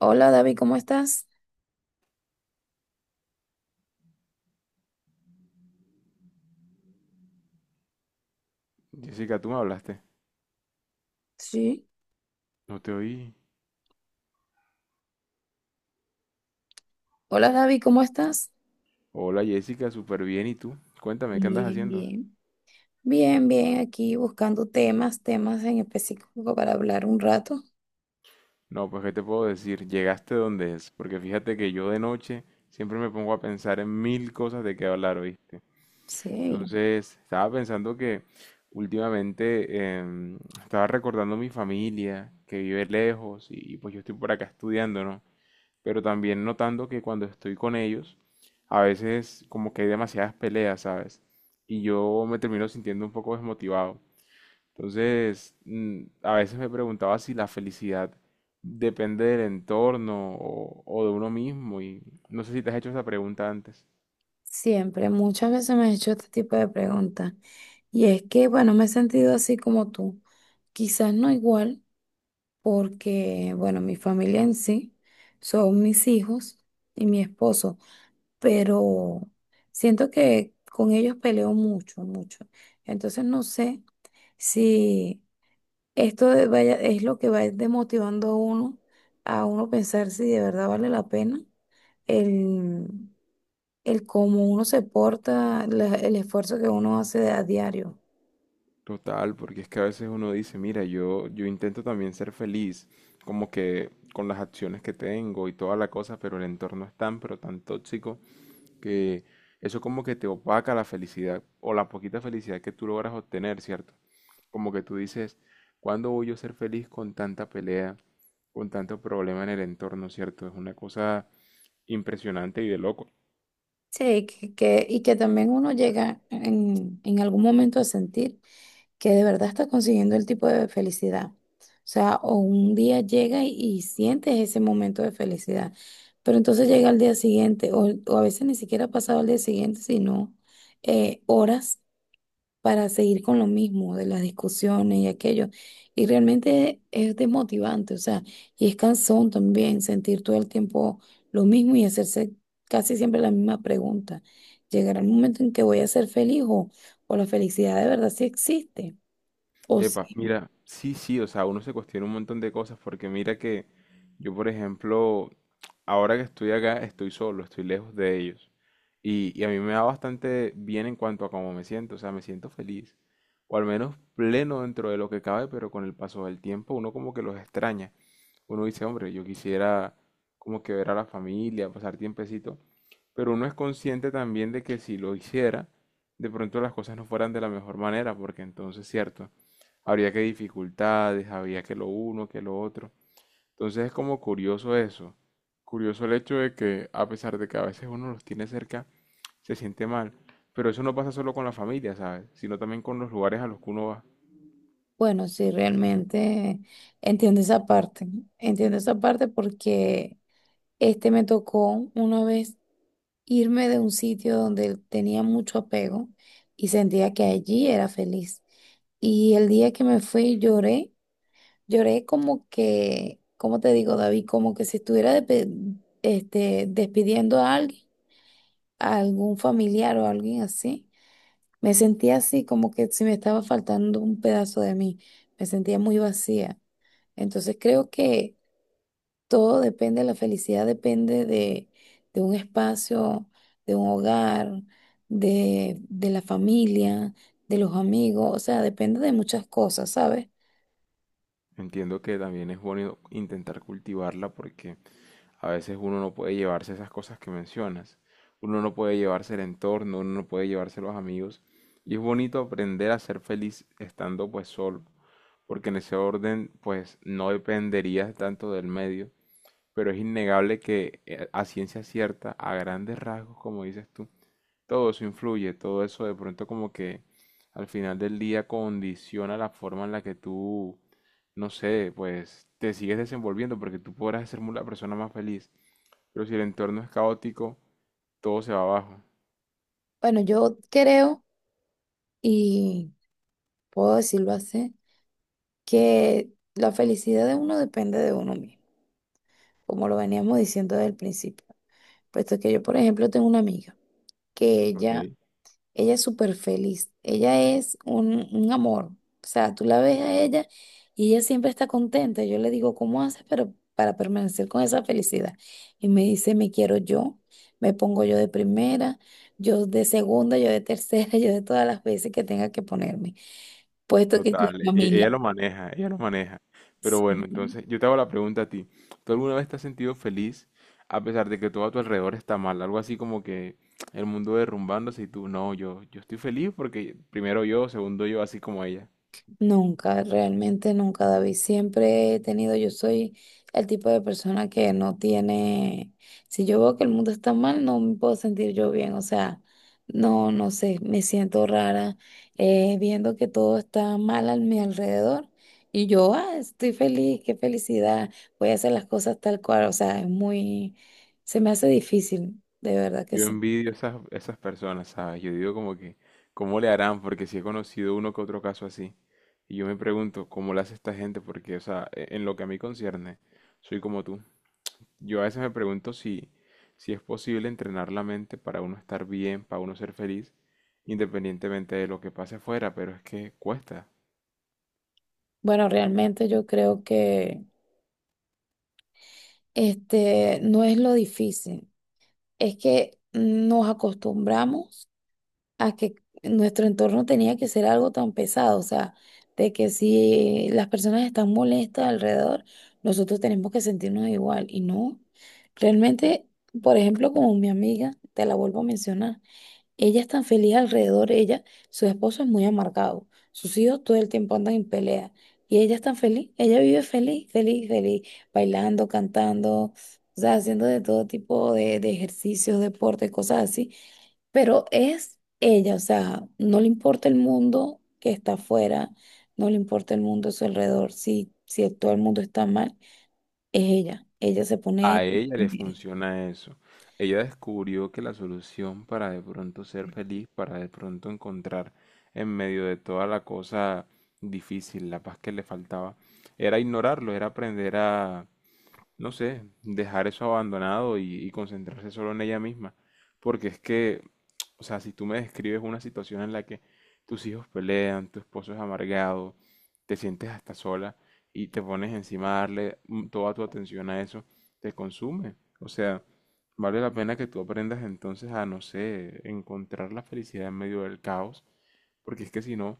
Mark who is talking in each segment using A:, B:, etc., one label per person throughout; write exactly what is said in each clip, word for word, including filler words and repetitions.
A: Hola David, ¿cómo estás?
B: Jessica, tú me hablaste.
A: Sí.
B: No te oí.
A: Hola David, ¿cómo estás?
B: Hola Jessica, súper bien. ¿Y tú? Cuéntame, ¿qué andas
A: Bien,
B: haciendo?
A: bien. Bien, bien, aquí buscando temas, temas en específico para hablar un rato.
B: No, pues ¿qué te puedo decir? Llegaste donde es, porque fíjate que yo de noche siempre me pongo a pensar en mil cosas de qué hablar, ¿oíste?
A: Sí,
B: Entonces, estaba pensando que últimamente em, estaba recordando mi familia, que vive lejos, y, y pues yo estoy por acá estudiando, ¿no? Pero también notando que cuando estoy con ellos, a veces como que hay demasiadas peleas, ¿sabes? Y yo me termino sintiendo un poco desmotivado. Entonces, mm, a veces me preguntaba si la felicidad depende del entorno o, o de uno mismo y no sé si te has hecho esa pregunta antes.
A: siempre, muchas veces me he hecho este tipo de preguntas. Y es que, bueno, me he sentido así como tú. Quizás no igual, porque, bueno, mi familia en sí son mis hijos y mi esposo, pero siento que con ellos peleo mucho, mucho. Entonces no sé. Sí, esto de- vaya, es lo que va desmotivando a uno, a uno pensar si de verdad vale la pena el, el cómo uno se porta, la- el esfuerzo que uno hace a diario.
B: Total, porque es que a veces uno dice, mira, yo, yo intento también ser feliz, como que con las acciones que tengo y toda la cosa, pero el entorno es tan, pero tan tóxico que eso como que te opaca la felicidad o la poquita felicidad que tú logras obtener, ¿cierto? Como que tú dices, ¿cuándo voy yo a ser feliz con tanta pelea, con tanto problema en el entorno? ¿Cierto? Es una cosa impresionante y de loco.
A: Sí, que, que- y que también uno llega en, en algún momento a sentir que de verdad estás consiguiendo el tipo de felicidad. O sea, o un día llega y, y sientes ese momento de felicidad, pero entonces llega al día siguiente, o, o a veces ni siquiera ha pasado al día siguiente, sino eh, horas para seguir con lo mismo, de las discusiones y aquello. Y realmente es desmotivante, o sea, y es cansón también sentir todo el tiempo lo mismo y hacerse casi siempre la misma pregunta. ¿Llegará el momento en que voy a ser feliz, o, o la felicidad de verdad sí existe? O
B: Epa,
A: sí,
B: mira, sí, sí, o sea, uno se cuestiona un montón de cosas porque mira que yo, por ejemplo, ahora que estoy acá, estoy solo, estoy lejos de ellos. Y, y a mí me da bastante bien en cuanto a cómo me siento, o sea, me siento feliz, o al menos pleno dentro de lo que cabe, pero con el paso del tiempo uno como que los extraña. Uno dice, hombre, yo quisiera como que ver a la familia, pasar tiempecito, pero uno es consciente también de que si lo hiciera, de pronto las cosas no fueran de la mejor manera, porque entonces, cierto, habría que dificultades, había que lo uno, que lo otro. Entonces es como curioso eso. Curioso el hecho de que a pesar de que a veces uno los tiene cerca, se siente mal. Pero eso no pasa solo con la familia, ¿sabes? Sino también con los lugares a los que uno va.
A: bueno, sí, realmente entiendo esa parte, entiendo esa parte porque este me tocó una vez irme de un sitio donde tenía mucho apego y sentía que allí era feliz. Y el día que me fui lloré, lloré como que, ¿cómo te digo, David? Como que si estuviera depe- este, despidiendo a alguien, a algún familiar o alguien así. Me sentía así, como que si me estaba faltando un pedazo de mí. Me sentía muy vacía. Entonces creo que todo depende, la felicidad depende de, de un espacio, de un hogar, de, de la familia, de los amigos. O sea, depende de muchas cosas, ¿sabes?
B: Entiendo que también es bueno intentar cultivarla porque a veces uno no puede llevarse esas cosas que mencionas. Uno no puede llevarse el entorno, uno no puede llevarse los amigos. Y es bonito aprender a ser feliz estando pues solo. Porque en ese orden pues no dependerías tanto del medio, pero es innegable que eh, a ciencia cierta, a grandes rasgos, como dices tú, todo eso influye, todo eso de pronto como que al final del día condiciona la forma en la que tú, no sé, pues te sigues desenvolviendo, porque tú podrás ser mu- la persona más feliz, pero si el entorno es caótico, todo se va abajo.
A: Bueno, yo creo, y puedo decirlo así, que la felicidad de uno depende de uno mismo, como lo veníamos diciendo desde el principio. Puesto que yo, por ejemplo, tengo una amiga que
B: Ok.
A: ella. Ella es súper feliz. Ella es un, un amor. O sea, tú la ves a ella y ella siempre está contenta. Yo le digo, ¿cómo haces pero para permanecer con esa felicidad? Y me dice, me quiero yo. Me pongo yo de primera, yo de segunda, yo de tercera, yo de todas las veces que tenga que ponerme. Puesto que la
B: Total, e- ella
A: familia,
B: lo maneja, ella lo maneja. Pero bueno,
A: sí,
B: entonces yo te hago la pregunta a ti. ¿Tú alguna vez te has sentido feliz a pesar de que todo a tu alrededor está mal? Algo así como que el mundo derrumbándose y tú, no, yo, yo estoy feliz porque primero yo, segundo yo, así como ella.
A: nunca, realmente nunca, David. Siempre he tenido, yo soy el tipo de persona que no tiene, si yo veo que el mundo está mal, no me puedo sentir yo bien, o sea, no, no sé, me siento rara, eh, viendo que todo está mal a mi alrededor y yo, ah, estoy feliz, qué felicidad, voy a hacer las cosas tal cual, o sea, es muy, se me hace difícil, de verdad que
B: Yo
A: sí.
B: envidio esas, esas personas, ¿sabes? Yo digo como que, ¿cómo le harán? Porque sí he conocido uno que otro caso así. Y yo me pregunto, ¿cómo le hace esta gente? Porque, o sea, e- en lo que a mí concierne, soy como tú. Yo a veces me pregunto si, si es posible entrenar la mente para uno estar bien, para uno ser feliz, independientemente de lo que pase afuera, pero es que cuesta.
A: Bueno, realmente yo creo que este no es lo difícil. Es que nos acostumbramos a que nuestro entorno tenía que ser algo tan pesado, o sea, de que si las personas están molestas alrededor, nosotros tenemos que sentirnos igual. Y no, realmente, por ejemplo, como mi amiga, te la vuelvo a mencionar. Ella es tan feliz alrededor de ella, su esposo es muy amargado, sus hijos todo el tiempo andan en pelea y ella es tan feliz, ella vive feliz, feliz, feliz, bailando, cantando, o sea, haciendo de todo tipo de, de ejercicios, deporte, cosas así, pero es ella, o sea, no le importa el mundo que está afuera, no le importa el mundo a su alrededor, si, si todo el mundo está mal, es ella, ella se
B: A
A: pone...
B: ella le funciona eso. Ella descubrió que la solución para de pronto ser feliz, para de pronto encontrar en medio de toda la cosa difícil, la paz que le faltaba, era ignorarlo, era aprender a, no sé, dejar eso abandonado y, y concentrarse solo en ella misma. Porque es que o sea, si tú me describes una situación en la que tus hijos pelean, tu esposo es amargado, te sientes hasta sola y te pones encima a darle mm, toda tu atención a eso, te consume. O sea, vale la pena que tú aprendas entonces a, no sé, encontrar la felicidad en medio del caos, porque es que si no,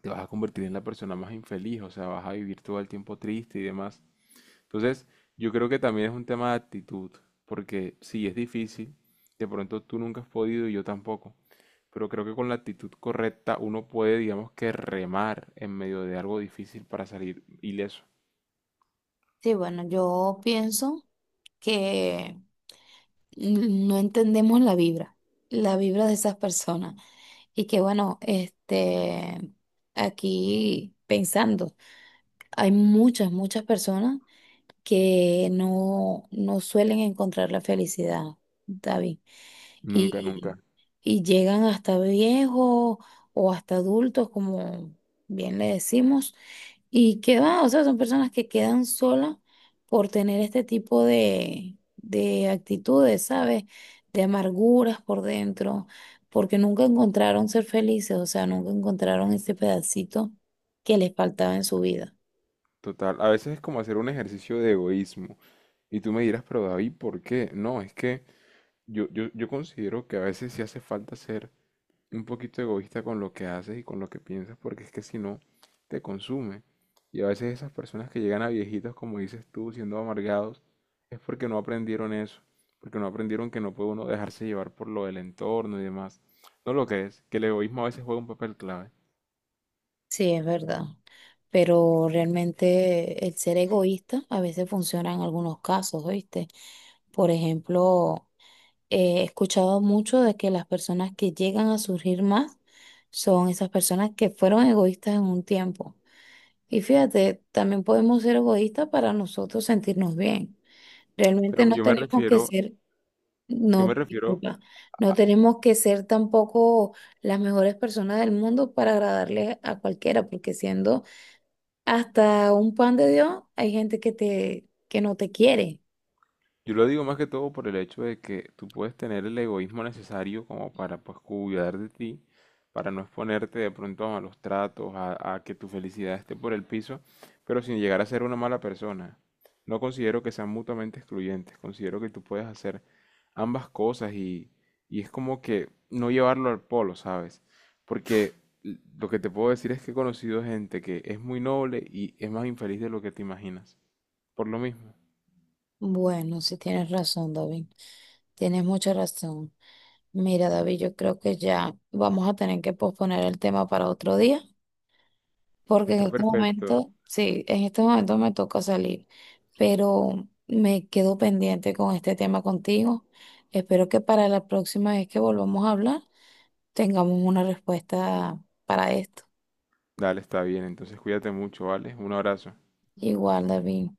B: te vas a convertir en la persona más infeliz, o sea, vas a vivir todo el tiempo triste y demás. Entonces, yo creo que también es un tema de actitud, porque sí, es difícil, de pronto tú nunca has podido y yo tampoco, pero creo que con la actitud correcta uno puede, digamos que remar en medio de algo difícil para salir ileso.
A: Sí, bueno, yo pienso que no entendemos la vibra, la vibra de esas personas. Y que bueno, este, aquí pensando, hay muchas, muchas personas que no, no suelen encontrar la felicidad, David.
B: Nunca,
A: Y,
B: nunca.
A: y llegan hasta viejos o hasta adultos, como bien le decimos, y que va, o sea, son personas que quedan solas por tener este tipo de, de actitudes, ¿sabes? De amarguras por dentro, porque nunca encontraron ser felices, o sea, nunca encontraron ese pedacito que les faltaba en su vida.
B: Total. A veces es como hacer un ejercicio de egoísmo. Y tú me dirás, pero David, ¿por qué? No, es que yo, yo, yo considero que a veces sí hace falta ser un poquito egoísta con lo que haces y con lo que piensas, porque es que si no, te consume. Y a veces esas personas que llegan a viejitos, como dices tú, siendo amargados, es porque no aprendieron eso, porque no aprendieron que no puede uno dejarse llevar por lo del entorno y demás. ¿No lo crees? Que el egoísmo a veces juega un papel clave.
A: Sí, es verdad, pero realmente el ser egoísta a veces funciona en algunos casos, ¿oíste? Por ejemplo, eh, he escuchado mucho de que las personas que llegan a surgir más son esas personas que fueron egoístas en un tiempo. Y fíjate, también podemos ser egoístas para nosotros sentirnos bien. Realmente
B: Pero
A: no
B: yo me
A: tenemos que
B: refiero,
A: ser,
B: yo me
A: no,
B: refiero
A: disculpa, no tenemos que ser tampoco las mejores personas del mundo para agradarle a cualquiera, porque siendo hasta un pan de Dios hay gente que te que no te quiere.
B: yo lo digo más que todo por el hecho de que tú puedes tener el egoísmo necesario como para pues cuidar de ti, para no exponerte de pronto a malos tratos, a, a que tu felicidad esté por el piso, pero sin llegar a ser una mala persona. No considero que sean mutuamente excluyentes, considero que tú puedes hacer ambas cosas y, y es como que no llevarlo al polo, ¿sabes? Porque l- lo que te puedo decir es que he conocido gente que es muy noble y es más infeliz de lo que te imaginas. Por lo mismo.
A: Bueno, sí tienes razón, David. Tienes mucha razón. Mira, David, yo creo que ya vamos a tener que posponer el tema para otro día, porque en
B: Está
A: este
B: perfecto.
A: momento, sí, en este momento me toca salir, pero me quedo pendiente con este tema contigo. Espero que para la próxima vez que volvamos a hablar tengamos una respuesta para esto.
B: Dale, está bien. Entonces cuídate mucho, ¿vale? Un abrazo.
A: Igual, David.